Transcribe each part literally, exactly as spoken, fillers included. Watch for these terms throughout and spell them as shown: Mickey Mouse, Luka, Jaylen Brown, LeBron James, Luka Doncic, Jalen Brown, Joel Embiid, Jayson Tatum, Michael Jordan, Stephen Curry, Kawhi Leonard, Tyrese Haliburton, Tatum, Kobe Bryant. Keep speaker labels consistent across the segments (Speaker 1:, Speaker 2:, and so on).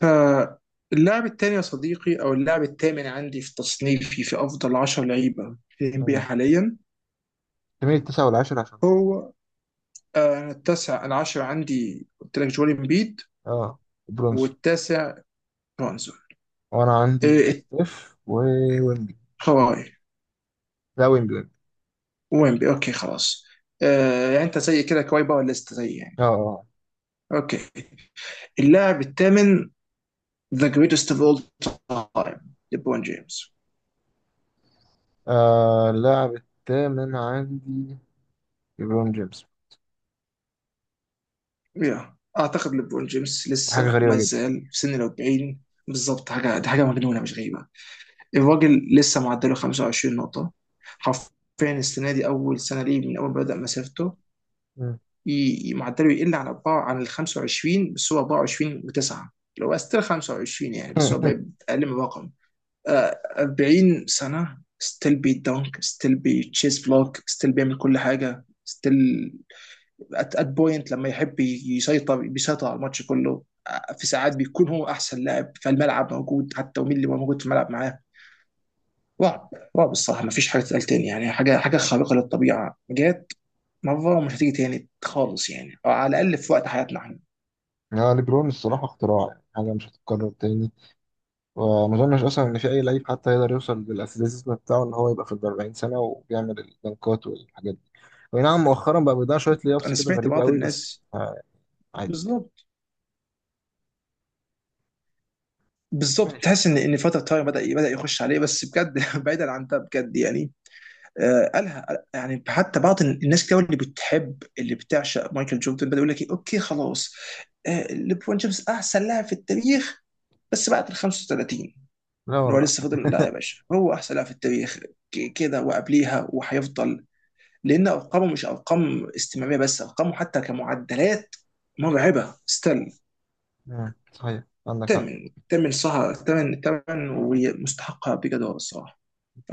Speaker 1: فاللاعب الثاني يا صديقي او اللاعب الثامن عندي في تصنيفي في افضل عشرة لعيبه في الان بي
Speaker 2: مم.
Speaker 1: حاليا.
Speaker 2: تميل التسعة والعاشر عشان
Speaker 1: هو آه، أنا التاسع العاشر عندي، قلت لك جوال امبيد،
Speaker 2: اه برونسون.
Speaker 1: والتاسع برونزون.
Speaker 2: وانا عندي
Speaker 1: إيه،
Speaker 2: ستيف وويمبي.
Speaker 1: كواي،
Speaker 2: لا، ويمبي ويمبي.
Speaker 1: ويمبي اوكي خلاص. آه، يعني انت زي كده كواي باور ليست زي يعني.
Speaker 2: اه اه
Speaker 1: اوكي، اللاعب الثامن، ذا جريتست اوف اول تايم، ليبرون جيمس.
Speaker 2: آه، اللاعب الثامن عندي ليبرون جيمس.
Speaker 1: يا اعتقد ليبرون جيمس
Speaker 2: حاجة
Speaker 1: لسه
Speaker 2: غريبة
Speaker 1: ما
Speaker 2: جدا.
Speaker 1: زال في سن ال الأربعين. بالظبط، حاجه دي حاجه مجنونه مش غريبه. الراجل لسه معدله خمسة وعشرين نقطة، حرفيا. السنة دي أول سنة ليه من أول ما بدأ مسيرته
Speaker 2: مم.
Speaker 1: ي- ي- معدله يقل عن أربعة، عن ال الخمس وعشرين، بس هو أربعة وعشرين وتسعة، اللي هو ستيل خمسة وعشرين يعني، بس هو بقى أقل من رقم. آه، أربعين سنة ستيل بيدنك، ستيل بيتشيز بلوك، ستيل بيعمل كل حاجة، ستيل ات ات بوينت لما يحب يسيطر بيسيطر على الماتش كله. آه، في ساعات بيكون هو أحسن لاعب فالملعب موجود حتى، ومين اللي موجود في الملعب معاه. رعب. رعب الصراحه، ما فيش حاجه تتقال تاني يعني، حاجه حاجه خارقه للطبيعه جت مره، ومش هتيجي تاني خالص يعني، او على الاقل في وقت حياتنا احنا.
Speaker 2: يعني ليبرون الصراحة اختراع، يعني حاجة مش هتتكرر تاني. وما أظنش أصلا إن في أي لعيب حتى يقدر يوصل بالأثليتيزم بتاعه إن هو يبقى في الأربعين سنة وبيعمل الدنكات والحاجات دي. وي نعم مؤخرا بقى بيضيع شوية ليابس
Speaker 1: انا
Speaker 2: كده،
Speaker 1: سمعت
Speaker 2: غريبة
Speaker 1: بعض
Speaker 2: قوي، بس
Speaker 1: الناس.
Speaker 2: آه، عادي.
Speaker 1: بالظبط، بالظبط، تحس
Speaker 2: ماشي.
Speaker 1: ان ان فتره تايم بدا بدا يخش عليه، بس بجد بعيدا عن ده بجد يعني. آه، قالها. يعني حتى بعض الناس كده اللي بتحب اللي بتعشق مايكل جوردن بدا يقول لك، إيه، اوكي خلاص، آه ليبرون جيمس احسن لاعب في التاريخ بس بعد ال الخمسة وثلاثين.
Speaker 2: لا
Speaker 1: ان هو
Speaker 2: والله.
Speaker 1: لسه فضل، لا يا باشا، هو احسن لاعب في التاريخ ك- كده وقبليها وهيفضل، لان ارقامه مش ارقام استمراريه بس، ارقامه حتى كمعدلات مرعبه ستيل.
Speaker 2: مم. صحيح، عندك حق.
Speaker 1: تمن تمن صح، تمن تمن ومستحقها بجد هو الصراحه.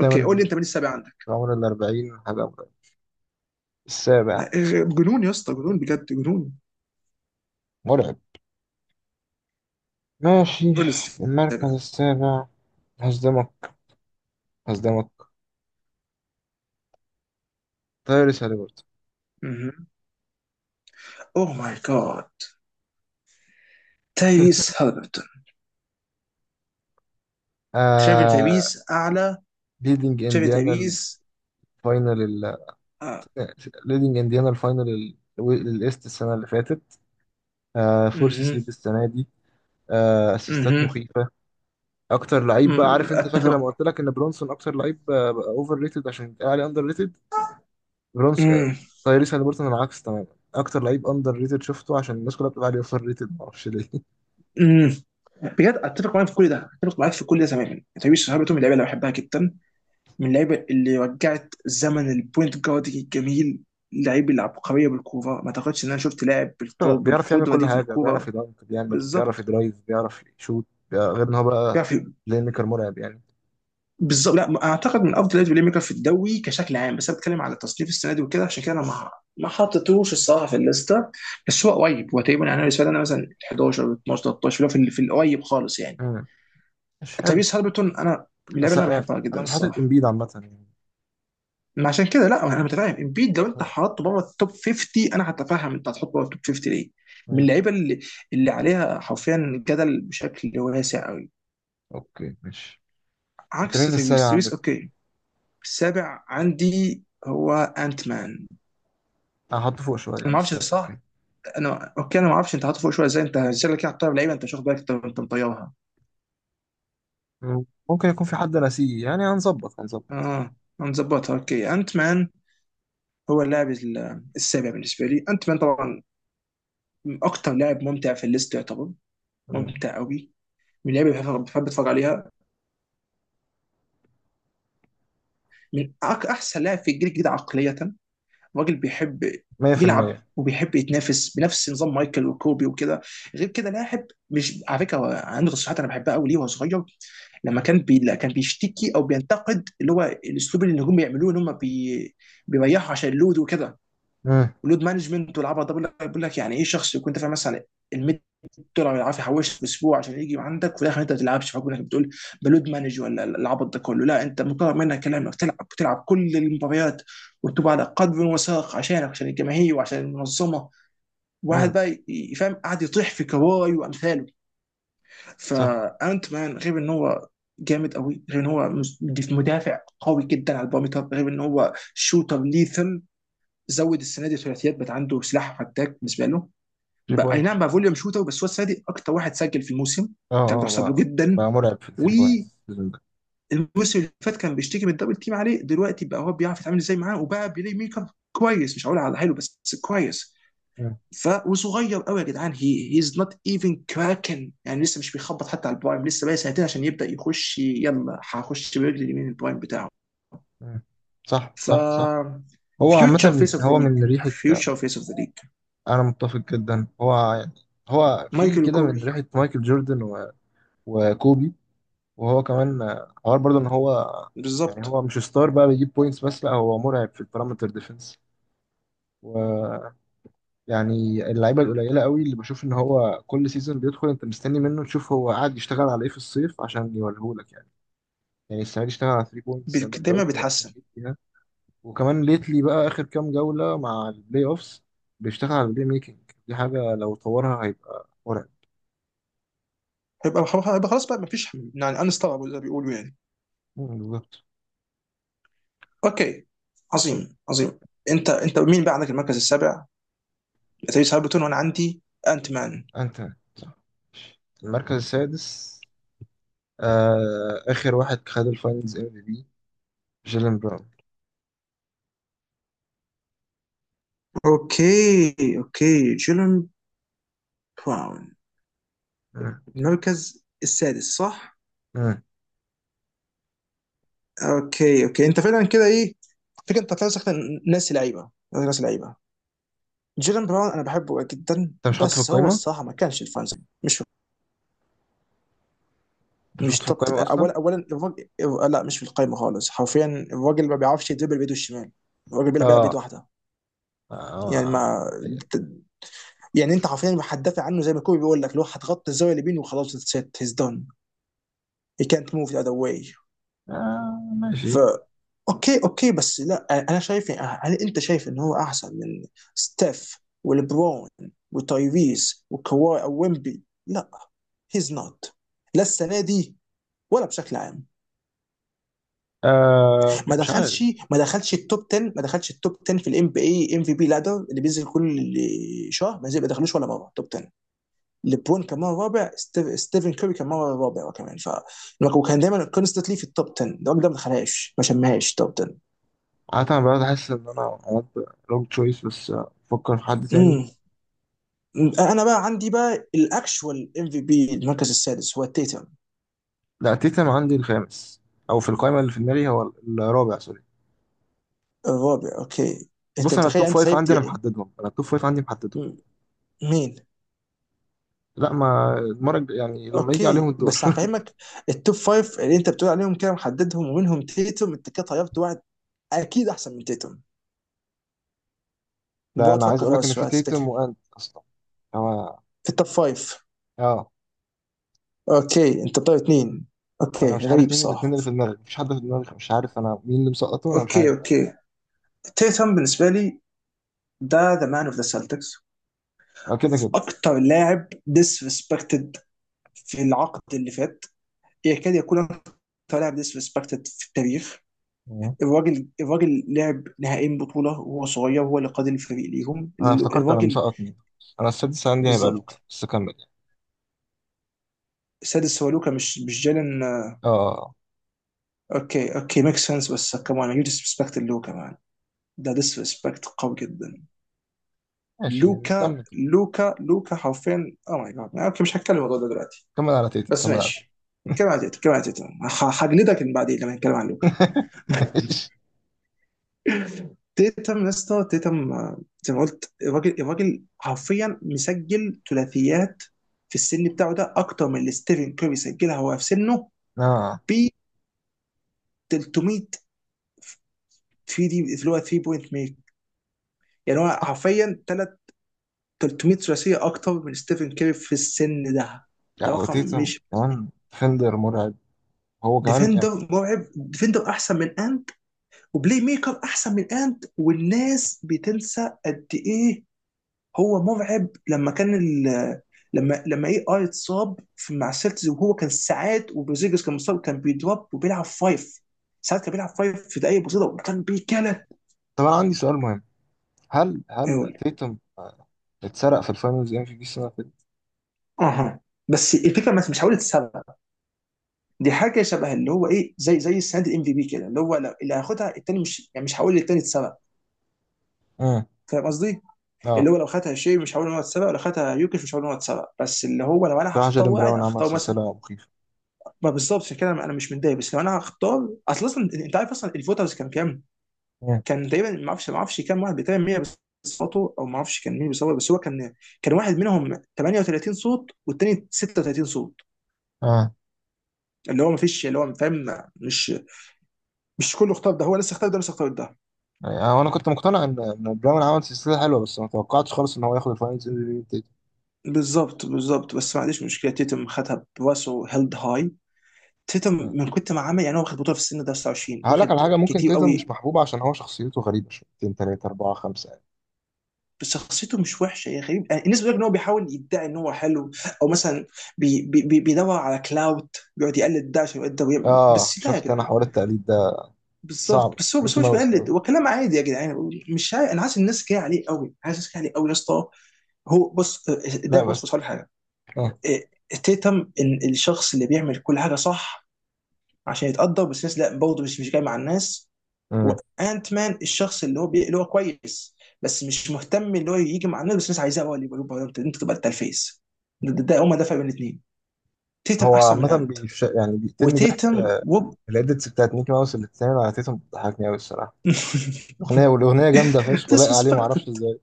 Speaker 1: اوكي، قول لي انت مين السابع عندك؟
Speaker 2: عمر الأربعين حاجة مرعبة. السابع.
Speaker 1: ما- إيه، جنون يا اسطى، جنون بجد، جنون.
Speaker 2: مرعب. ماشي.
Speaker 1: قول لي
Speaker 2: المركز
Speaker 1: السابع.
Speaker 2: السابع. هصدمك، هصدمك. تايريس هاليبرتون.
Speaker 1: اوه ماي جاد، تايريس هالبرتون. شايف إن
Speaker 2: آه،
Speaker 1: تايريس اعلى؟
Speaker 2: ليدنج
Speaker 1: شايف إن
Speaker 2: انديانا
Speaker 1: تايريس؟
Speaker 2: الفاينل ال-،
Speaker 1: آه.
Speaker 2: ليدنج انديانا الفاينل ال- الايست السنه اللي فاتت. آه، فورس
Speaker 1: مهم.
Speaker 2: سيد السنه دي. آه، اسيستات
Speaker 1: مهم.
Speaker 2: مخيفه. اكتر لعيب، بقى
Speaker 1: مم،
Speaker 2: عارف؟ انت فاكر لما
Speaker 1: اتفق.
Speaker 2: قلت لك ان برونسون اكتر لعيب اوفر ريتد عشان يتقال عليه اندر ريتد؟ برونس آه،
Speaker 1: مم.
Speaker 2: تايريس هاليبرتون العكس تماما. اكتر لعيب اندر ريتد شفته، عشان الناس كلها بتبقى عليه اوفر ريتد، معرفش ليه.
Speaker 1: امم. بجد اتفق معاك في كل ده، اتفق معاك في كل ده تماما. تايريس هاربرتون من اللعيبه اللي بحبها جدا، من اللعيبه اللي رجعت زمن البوينت جارد الجميل. اللعيب العبقريه بالكوره، ما اعتقدش ان انا شفت لاعب بالقوه
Speaker 2: بيعرف يعمل
Speaker 1: بالقدره
Speaker 2: كل
Speaker 1: دي في
Speaker 2: حاجه، بيعرف
Speaker 1: الكوره.
Speaker 2: يدنك، بيعمل، بيعرف
Speaker 1: بالظبط.
Speaker 2: يدرايف، بيعرف يشوت، بيع- غير ان هو بقى
Speaker 1: بيعرف ي-
Speaker 2: بلاي ميكر مرعب يعني.
Speaker 1: بالظبط، لا اعتقد من افضل لعيبه البلاي ميكر في الدوري كشكل عام، بس انا بتكلم على تصنيف السنه دي وكده، عشان كده انا ما ما حطيتوش الصراحه في الليسته، بس هو قريب، هو تقريبا يعني أنا بالنسبه لي انا مثلا حداشر اتناشر تلتاشر، اللي هو في في القريب خالص يعني.
Speaker 2: مم. مش حلو.
Speaker 1: تyrese هالبرتون انا من اللعيبه
Speaker 2: بس
Speaker 1: اللي انا
Speaker 2: آه،
Speaker 1: بحبها جدا
Speaker 2: انا مش حاطط
Speaker 1: الصراحه.
Speaker 2: امبيد عامه يعني.
Speaker 1: ما عشان كده لا، انا متفاهم، امبيد لو انت
Speaker 2: مم.
Speaker 1: حطيته بره التوب خمسين انا هتفهم، انت هتحطه بره التوب خمسين ليه؟ من
Speaker 2: مم.
Speaker 1: اللعيبه اللي اللي عليها حرفيا جدل بشكل واسع قوي،
Speaker 2: اوكي، ماشي. انت
Speaker 1: عكس
Speaker 2: مين
Speaker 1: تريس.
Speaker 2: السابع
Speaker 1: تريس
Speaker 2: عندك؟
Speaker 1: اوكي. السابع عندي هو انت مان.
Speaker 2: هحطه فوق شويه
Speaker 1: انا ما
Speaker 2: يعني، بس
Speaker 1: اعرفش
Speaker 2: آه، اوكي.
Speaker 1: صح. انا اوكي، انا ما اعرفش انت حاطه فوق شويه ازاي، انت ازاي كده حاططها لعيبه، انت مش واخد بالك انت أنت مطيرها.
Speaker 2: مم. ممكن يكون في حد ناسيه يعني. هنظبط،
Speaker 1: اه،
Speaker 2: هنظبط.
Speaker 1: أنا مظبطها. اوكي، انت مان هو اللاعب ال- السابع بالنسبه لي، انت مان طبعا. اكتر لاعب ممتع في الليست يعتبر،
Speaker 2: مم.
Speaker 1: ممتع قوي، من اللعيبه اللي بحب بحب اتفرج عليها، من أك- احسن لاعب في الجيل الجديد عقليه. راجل بيحب يلعب
Speaker 2: مئة في المئة.
Speaker 1: وبيحب يتنافس بنفس نظام مايكل وكوبي وكده. غير كده لاعب، مش على فكره هو عنده تصريحات انا بحبها قوي ليه وهو صغير، لما كان بي... كان بيشتكي او بينتقد اللي هو الاسلوب اللي النجوم بيعملوه، ان هم بي... بيريحوا عشان اللود وكده،
Speaker 2: مم.
Speaker 1: ولود مانجمنت والعبط ده. بقول لك بقول لك يعني ايه شخص يكون دافع مثلا ال المية دولار اللي عارف يحوشها في اسبوع عشان يجي عندك وفي الاخر انت ما تلعبش، فبقول لك بتقول بلود مانج ولا العبط ده كله؟ لا، انت مطالب منك كلامك تلعب، بتلعب كل المباريات وتبقى على قدر وساق عشانك عشان الجماهير وعشان المنظمه. واحد
Speaker 2: مم.
Speaker 1: بقى يفهم قاعد يطيح في كواي وامثاله.
Speaker 2: صح.
Speaker 1: فانت مان غير ان هو جامد قوي، غير ان هو مدافع قوي جدا على البارامتر، غير ان هو شوتر ليثل. زود السنه دي ثلاثيات، بقى عنده سلاح فتاك بالنسبه له. بقى اي
Speaker 2: تلاتة.
Speaker 1: نعم بقى فوليوم شوتر، بس هو السنه دي اكتر واحد سجل في الموسم
Speaker 2: اه
Speaker 1: ده،
Speaker 2: اه
Speaker 1: بتحسب له
Speaker 2: بقى،
Speaker 1: جدا.
Speaker 2: بقى مرعب في الثري بوينتس
Speaker 1: والموسم
Speaker 2: السيزون ده.
Speaker 1: اللي فات كان بيشتكي من الدبل تيم عليه، دلوقتي بقى هو بيعرف يتعامل ازاي معاه، وبقى بيلي ميكر كويس، مش هقول على حلو بس كويس.
Speaker 2: مم.
Speaker 1: ف وصغير قوي يا جدعان، هي هيز نوت ايفن كراكن يعني، لسه مش بيخبط حتى على البرايم، لسه بقى سنتين عشان يبدا يخش، يلا هخش برجلي اليمين البرايم بتاعه.
Speaker 2: مم. صح،
Speaker 1: ف
Speaker 2: صح، صح. هو
Speaker 1: فيوتشر
Speaker 2: عامة
Speaker 1: فيس اوف ذا
Speaker 2: هو
Speaker 1: ليج،
Speaker 2: من ريحة.
Speaker 1: فيوتشر فيس اوف ذا ليج.
Speaker 2: أنا متفق جدا، هو يعني هو في
Speaker 1: مايكل
Speaker 2: كده من
Speaker 1: وكوبي،
Speaker 2: ريحة مايكل جوردن و... وكوبي. وهو كمان آه، حوار برضه إن هو يعني
Speaker 1: بالظبط.
Speaker 2: هو مش ستار بقى بيجيب بوينتس بس، لا هو مرعب في البارامتر ديفنس. ويعني اللعيبة القليلة قوي اللي بشوف إن هو كل سيزون بيدخل أنت مستني منه تشوف هو قاعد يشتغل على إيه في الصيف عشان يوريهولك يعني. يعني السنة دي اشتغل على ثلاثة بوينتس زي ما
Speaker 1: بيك-
Speaker 2: أنت
Speaker 1: دايما
Speaker 2: قلت، بقى
Speaker 1: بيتحسن.
Speaker 2: مخيف. وكمان ليتلي بقى اخر كام جوله مع البلاي اوفس بيشتغل على البلاي ميكنج. دي حاجه لو طورها هيبقى مرعب.
Speaker 1: هيبقى هيبقى خلاص بقى، مفيش يعني، انستوببل زي ما بيقولوا يعني.
Speaker 2: مم، بالظبط.
Speaker 1: اوكي، عظيم عظيم. انت انت مين بقى عندك المركز السابع؟ تريس هاربتون، وانا عندي انت مان.
Speaker 2: انت. صح. المركز السادس. آه، اخر واحد خد الفاينلز ام في بي، جيلين براون.
Speaker 1: اوكي اوكي، جيلن براون،
Speaker 2: مم.
Speaker 1: المركز السادس، صح.
Speaker 2: مم.
Speaker 1: اوكي اوكي، انت فعلا كده، ايه فكرة، انت فعلا سخت، ناسي لعيبه ناسي لعيبه. جيلن براون انا بحبه جدا،
Speaker 2: انت مش حاطه في
Speaker 1: بس هو
Speaker 2: القايمه.
Speaker 1: الصراحه ما كانش الفانز، مش
Speaker 2: انت مش حاطه
Speaker 1: مش
Speaker 2: في
Speaker 1: توب تل-
Speaker 2: القايمه اصلا.
Speaker 1: اولا اولا الراجل، لا مش في القايمه خالص حرفيا. الراجل ما بيعرفش يدربل بايده الشمال، الراجل بيلعب بيلعب بايد
Speaker 2: اه
Speaker 1: واحده،
Speaker 2: اه,
Speaker 1: يعني
Speaker 2: آه.
Speaker 1: ما يعني، انت حرفيا هتدافع عنه زي ما كوبي بيقول لك، لو هتغطي الزاويه اليمين وخلاص اتس هيز دون، هي كانت موف ذا اذر واي.
Speaker 2: آه.
Speaker 1: ف
Speaker 2: ماشي.
Speaker 1: اوكي اوكي، بس لا، انا شايف، هل انت شايف ان هو احسن من ستيف ولبرون وتايفيز وكواي او ويمبي؟ لا، هيز نوت، لا السنه دي ولا بشكل عام.
Speaker 2: آه،
Speaker 1: ما
Speaker 2: مش عارف.
Speaker 1: دخلش ما دخلش التوب عشرة، ما دخلش التوب عشرة في الام بي اي ام في بي لادر اللي بينزل كل شهر، ما زي- ما دخلوش ولا مره توب عشرة. ليبرون كان مره رابع، ستيف- ستيفن كوري كان مره رابع كمان، ف وكان دايما كونستنتلي في التوب عشرة، الراجل ده ما دخلهاش، ما شمهاش توب عشرة.
Speaker 2: عادة انا بقعد احس ان انا عملت روج تشويس، بس آه، افكر في حد تاني.
Speaker 1: امم. انا بقى عندي بقى الاكشوال ام في بي، المركز السادس هو تيتم.
Speaker 2: لا، تيتم عندي الخامس. او في القائمه اللي في دماغي هو الرابع، سوري.
Speaker 1: الرابع اوكي. انت
Speaker 2: بص، انا
Speaker 1: متخيل
Speaker 2: التوب
Speaker 1: يعني، انت
Speaker 2: فايف
Speaker 1: سايب
Speaker 2: عندي انا محددهم، انا التوب فايف عندي محددهم.
Speaker 1: مين؟
Speaker 2: لا ما المره الج- يعني لما يجي عليهم
Speaker 1: اوكي
Speaker 2: الدور.
Speaker 1: بس هفهمك، التوب فايف اللي انت بتقول عليهم كده محددهم، ومنهم تيتوم، انت كده طيبت واحد اكيد احسن من تيتوم،
Speaker 2: ده
Speaker 1: بقعد
Speaker 2: انا عايز
Speaker 1: افكر
Speaker 2: اقول
Speaker 1: فيها
Speaker 2: لك
Speaker 1: بس
Speaker 2: ان في
Speaker 1: شوية
Speaker 2: تيتم
Speaker 1: تفتكر.
Speaker 2: وانت اصلا هو.
Speaker 1: في التوب فايف؟
Speaker 2: اه.
Speaker 1: اوكي، انت طيب اتنين،
Speaker 2: انا
Speaker 1: اوكي
Speaker 2: مش عارف
Speaker 1: غريب،
Speaker 2: مين الاثنين
Speaker 1: صح.
Speaker 2: اللي في دماغي، مفيش حد في دماغي، مش عارف انا مين اللي مسقطه، انا مش
Speaker 1: اوكي
Speaker 2: عارف.
Speaker 1: اوكي. تيتوم بالنسبه لي ده ذا مان اوف ذا سلتكس،
Speaker 2: اه، كده كده.
Speaker 1: اكتر لاعب ديسريسبكتد في العقد اللي فات، يكاد يكون اكتر لاعب ديسريسبكتد في التاريخ.
Speaker 2: اه.
Speaker 1: الراجل الراجل لعب نهائيين بطولة وهو صغير، وهو اللي قاد الفريق ليهم.
Speaker 2: انا افتكرت انا
Speaker 1: الراجل،
Speaker 2: مسقط مين. انا السادس عندي هيبقى لوكا،
Speaker 1: بالظبط.
Speaker 2: بس كمل يعني.
Speaker 1: السادس هو لوكا، مش مش جالن.
Speaker 2: اه آه، آه.
Speaker 1: اوكي اوكي، ميك سنس، بس كمان يو ديسبكت لوكا مان، ده ديسبكت قوي جدا.
Speaker 2: ماشي، يعني
Speaker 1: لوكا
Speaker 2: كمل كده.
Speaker 1: لوكا لوكا حرفيا، او ماي جاد، اوكي مش هتكلم الموضوع ده دلوقتي
Speaker 2: كمل على تيتم،
Speaker 1: بس
Speaker 2: كمل على تيتم.
Speaker 1: ماشي. كم عديت كم عديت، هجلدك بعدين لما نتكلم عن لوكا.
Speaker 2: ماشي.
Speaker 1: تيتم يا اسطى، تيتم، آه، زي ما قلت، الراجل الراجل حرفيا مسجل ثلاثيات في السن بتاعه ده اكتر من اللي ستيفن كيري سجلها هو في سنه،
Speaker 2: اه.
Speaker 1: ب تلتمية تلاتة دي اللي هو تلاتة بوينت ميك، يعني هو حرفيا تلات تلتمية ثلاثيه اكتر من ستيفن كيري في السن ده، ده
Speaker 2: لا
Speaker 1: رقم
Speaker 2: وتيتم
Speaker 1: مش بسيط.
Speaker 2: كمان ديفندر مرعب. هو كمان يعني.
Speaker 1: ديفندر مرعب، ديفندر احسن من انت، وبلاي ميكر احسن من انت، والناس بتنسى قد ايه هو مرعب. لما كان ال... لما لما اي اي اتصاب في مع السلتز وهو كان ساعات، وبرزيجس كان مصاب، كان بيدروب وبيلعب فايف ساعات، كان بيلعب فايف في دقايق بسيطه، وكان بيكلت.
Speaker 2: طب انا عندي سؤال مهم. هل هل
Speaker 1: اقول
Speaker 2: تيتم آه، اتسرق في الفاينلز ام في بي السنه اللي فاتت؟
Speaker 1: اها، بس الفكره بس مش حاولة السبب، دي حاجه شبه اللي هو ايه، زي زي السنه دي الام في بي كده، اللي هو لو اللي هياخدها التاني مش يعني، مش هقول للتاني اتسبب،
Speaker 2: امم
Speaker 1: فاهم قصدي؟ اللي
Speaker 2: اه.
Speaker 1: هو لو خدها شيء مش هقول ان هو اتسبب، لو خدها يوكيش مش هقول ان هو اتسبب، بس اللي هو لو انا
Speaker 2: بصراحه
Speaker 1: هختار
Speaker 2: جيرين
Speaker 1: واحد
Speaker 2: براون عمل
Speaker 1: هختار مثلا،
Speaker 2: سلسله مخيفه.
Speaker 1: ما بالظبط عشان كده انا مش متضايق. بس لو انا هختار، اصل اصلا انت عارف اصلا الفوترز كان كام؟
Speaker 2: امم
Speaker 1: كان تقريبا، ما اعرفش ما اعرفش كام واحد، تقريبا مية بصوته او ما اعرفش كان مين بيصوت، بس هو كان، كان واحد منهم ثمانية وثلاثين صوت والتاني ستة وتلاتين صوت،
Speaker 2: اه.
Speaker 1: اللي هو ما فيش اللي هو فاهم، مش مش كله اختار ده، هو لسه اختار ده، لسه اختار ده.
Speaker 2: يعني انا كنت مقتنع ان ان براون عمل سلسله حلوه، بس ما توقعتش خالص ان هو ياخد الفاينلز ام في بي من تيتم.
Speaker 1: بالظبط بالظبط، بس ما عنديش مشكله، تيتم خدها براسه هيلد هاي. تيتم
Speaker 2: مم.
Speaker 1: من كنت ما عامل يعني، هو واخد بطوله في السن ده تسعة وعشرين،
Speaker 2: هقول لك
Speaker 1: واخد
Speaker 2: على حاجه: ممكن
Speaker 1: كتير
Speaker 2: تيتم مش
Speaker 1: قوي.
Speaker 2: محبوب عشان هو شخصيته غريبه شويتين، تلاته، اربعه، خمسه يعني.
Speaker 1: بس شخصيته مش وحشه يا غريب يعني، الناس بتقول ان هو بيحاول يدعي ان هو حلو، او مثلا بي بي بي- بيدور على كلاوت، بيقعد يقلد ده عشان يقدر يعمل،
Speaker 2: اه،
Speaker 1: بس لا يا
Speaker 2: شفت انا
Speaker 1: جدعان.
Speaker 2: حوار التقليد ده.
Speaker 1: بالظبط،
Speaker 2: صعب
Speaker 1: بس هو بس
Speaker 2: ميكي
Speaker 1: هو مش
Speaker 2: ماوس
Speaker 1: بيقلد،
Speaker 2: قوي.
Speaker 1: هو كلام عادي يا جدعان، مش عارف، انا حاسس الناس جايه عليه قوي، حاسس الناس جايه عليه قوي يا اسطى. هو بص، ده
Speaker 2: لا
Speaker 1: بص بص
Speaker 2: بس.
Speaker 1: هقول لك حاجه.
Speaker 2: اه.
Speaker 1: إيه، تيتم ان الشخص اللي بيعمل كل حاجه صح عشان يتقدر، بس الناس لا برضه، مش مش جاي مع الناس.
Speaker 2: مم.
Speaker 1: وانت مان الشخص اللي هو بي... اللي هو كويس بس مش مهتم اللي هو يجي مع الناس، بس الناس عايزاه هو اللي يبقى، يبقى- انت أنت تبقى انت الفيس. ده, ده, ده هما ده فرق بين الاثنين. تيتم
Speaker 2: هو
Speaker 1: احسن من
Speaker 2: عامة
Speaker 1: انت.
Speaker 2: بيش... يعني بيقتلني ضحك
Speaker 1: وتيتم
Speaker 2: آه،
Speaker 1: وب
Speaker 2: الإديتس بتاعت ميكي ماوس اللي بتتعمل على تيتم بتضحكني أوي الصراحة. الأغنية، والأغنية جامدة فشخ ولايقة عليه معرفش
Speaker 1: disrespected.
Speaker 2: إزاي.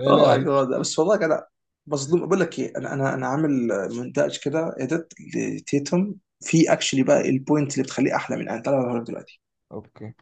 Speaker 2: هي لايقة
Speaker 1: ماي
Speaker 2: عليه فشخ.
Speaker 1: جاد، بس والله انا مظلوم. بقول لك ايه، انا انا انا عامل مونتاج كده اديت لتيتم في اكشلي، بقى البوينت اللي بتخليه احلى من انت تعالى أوريك دلوقتي.
Speaker 2: أوكي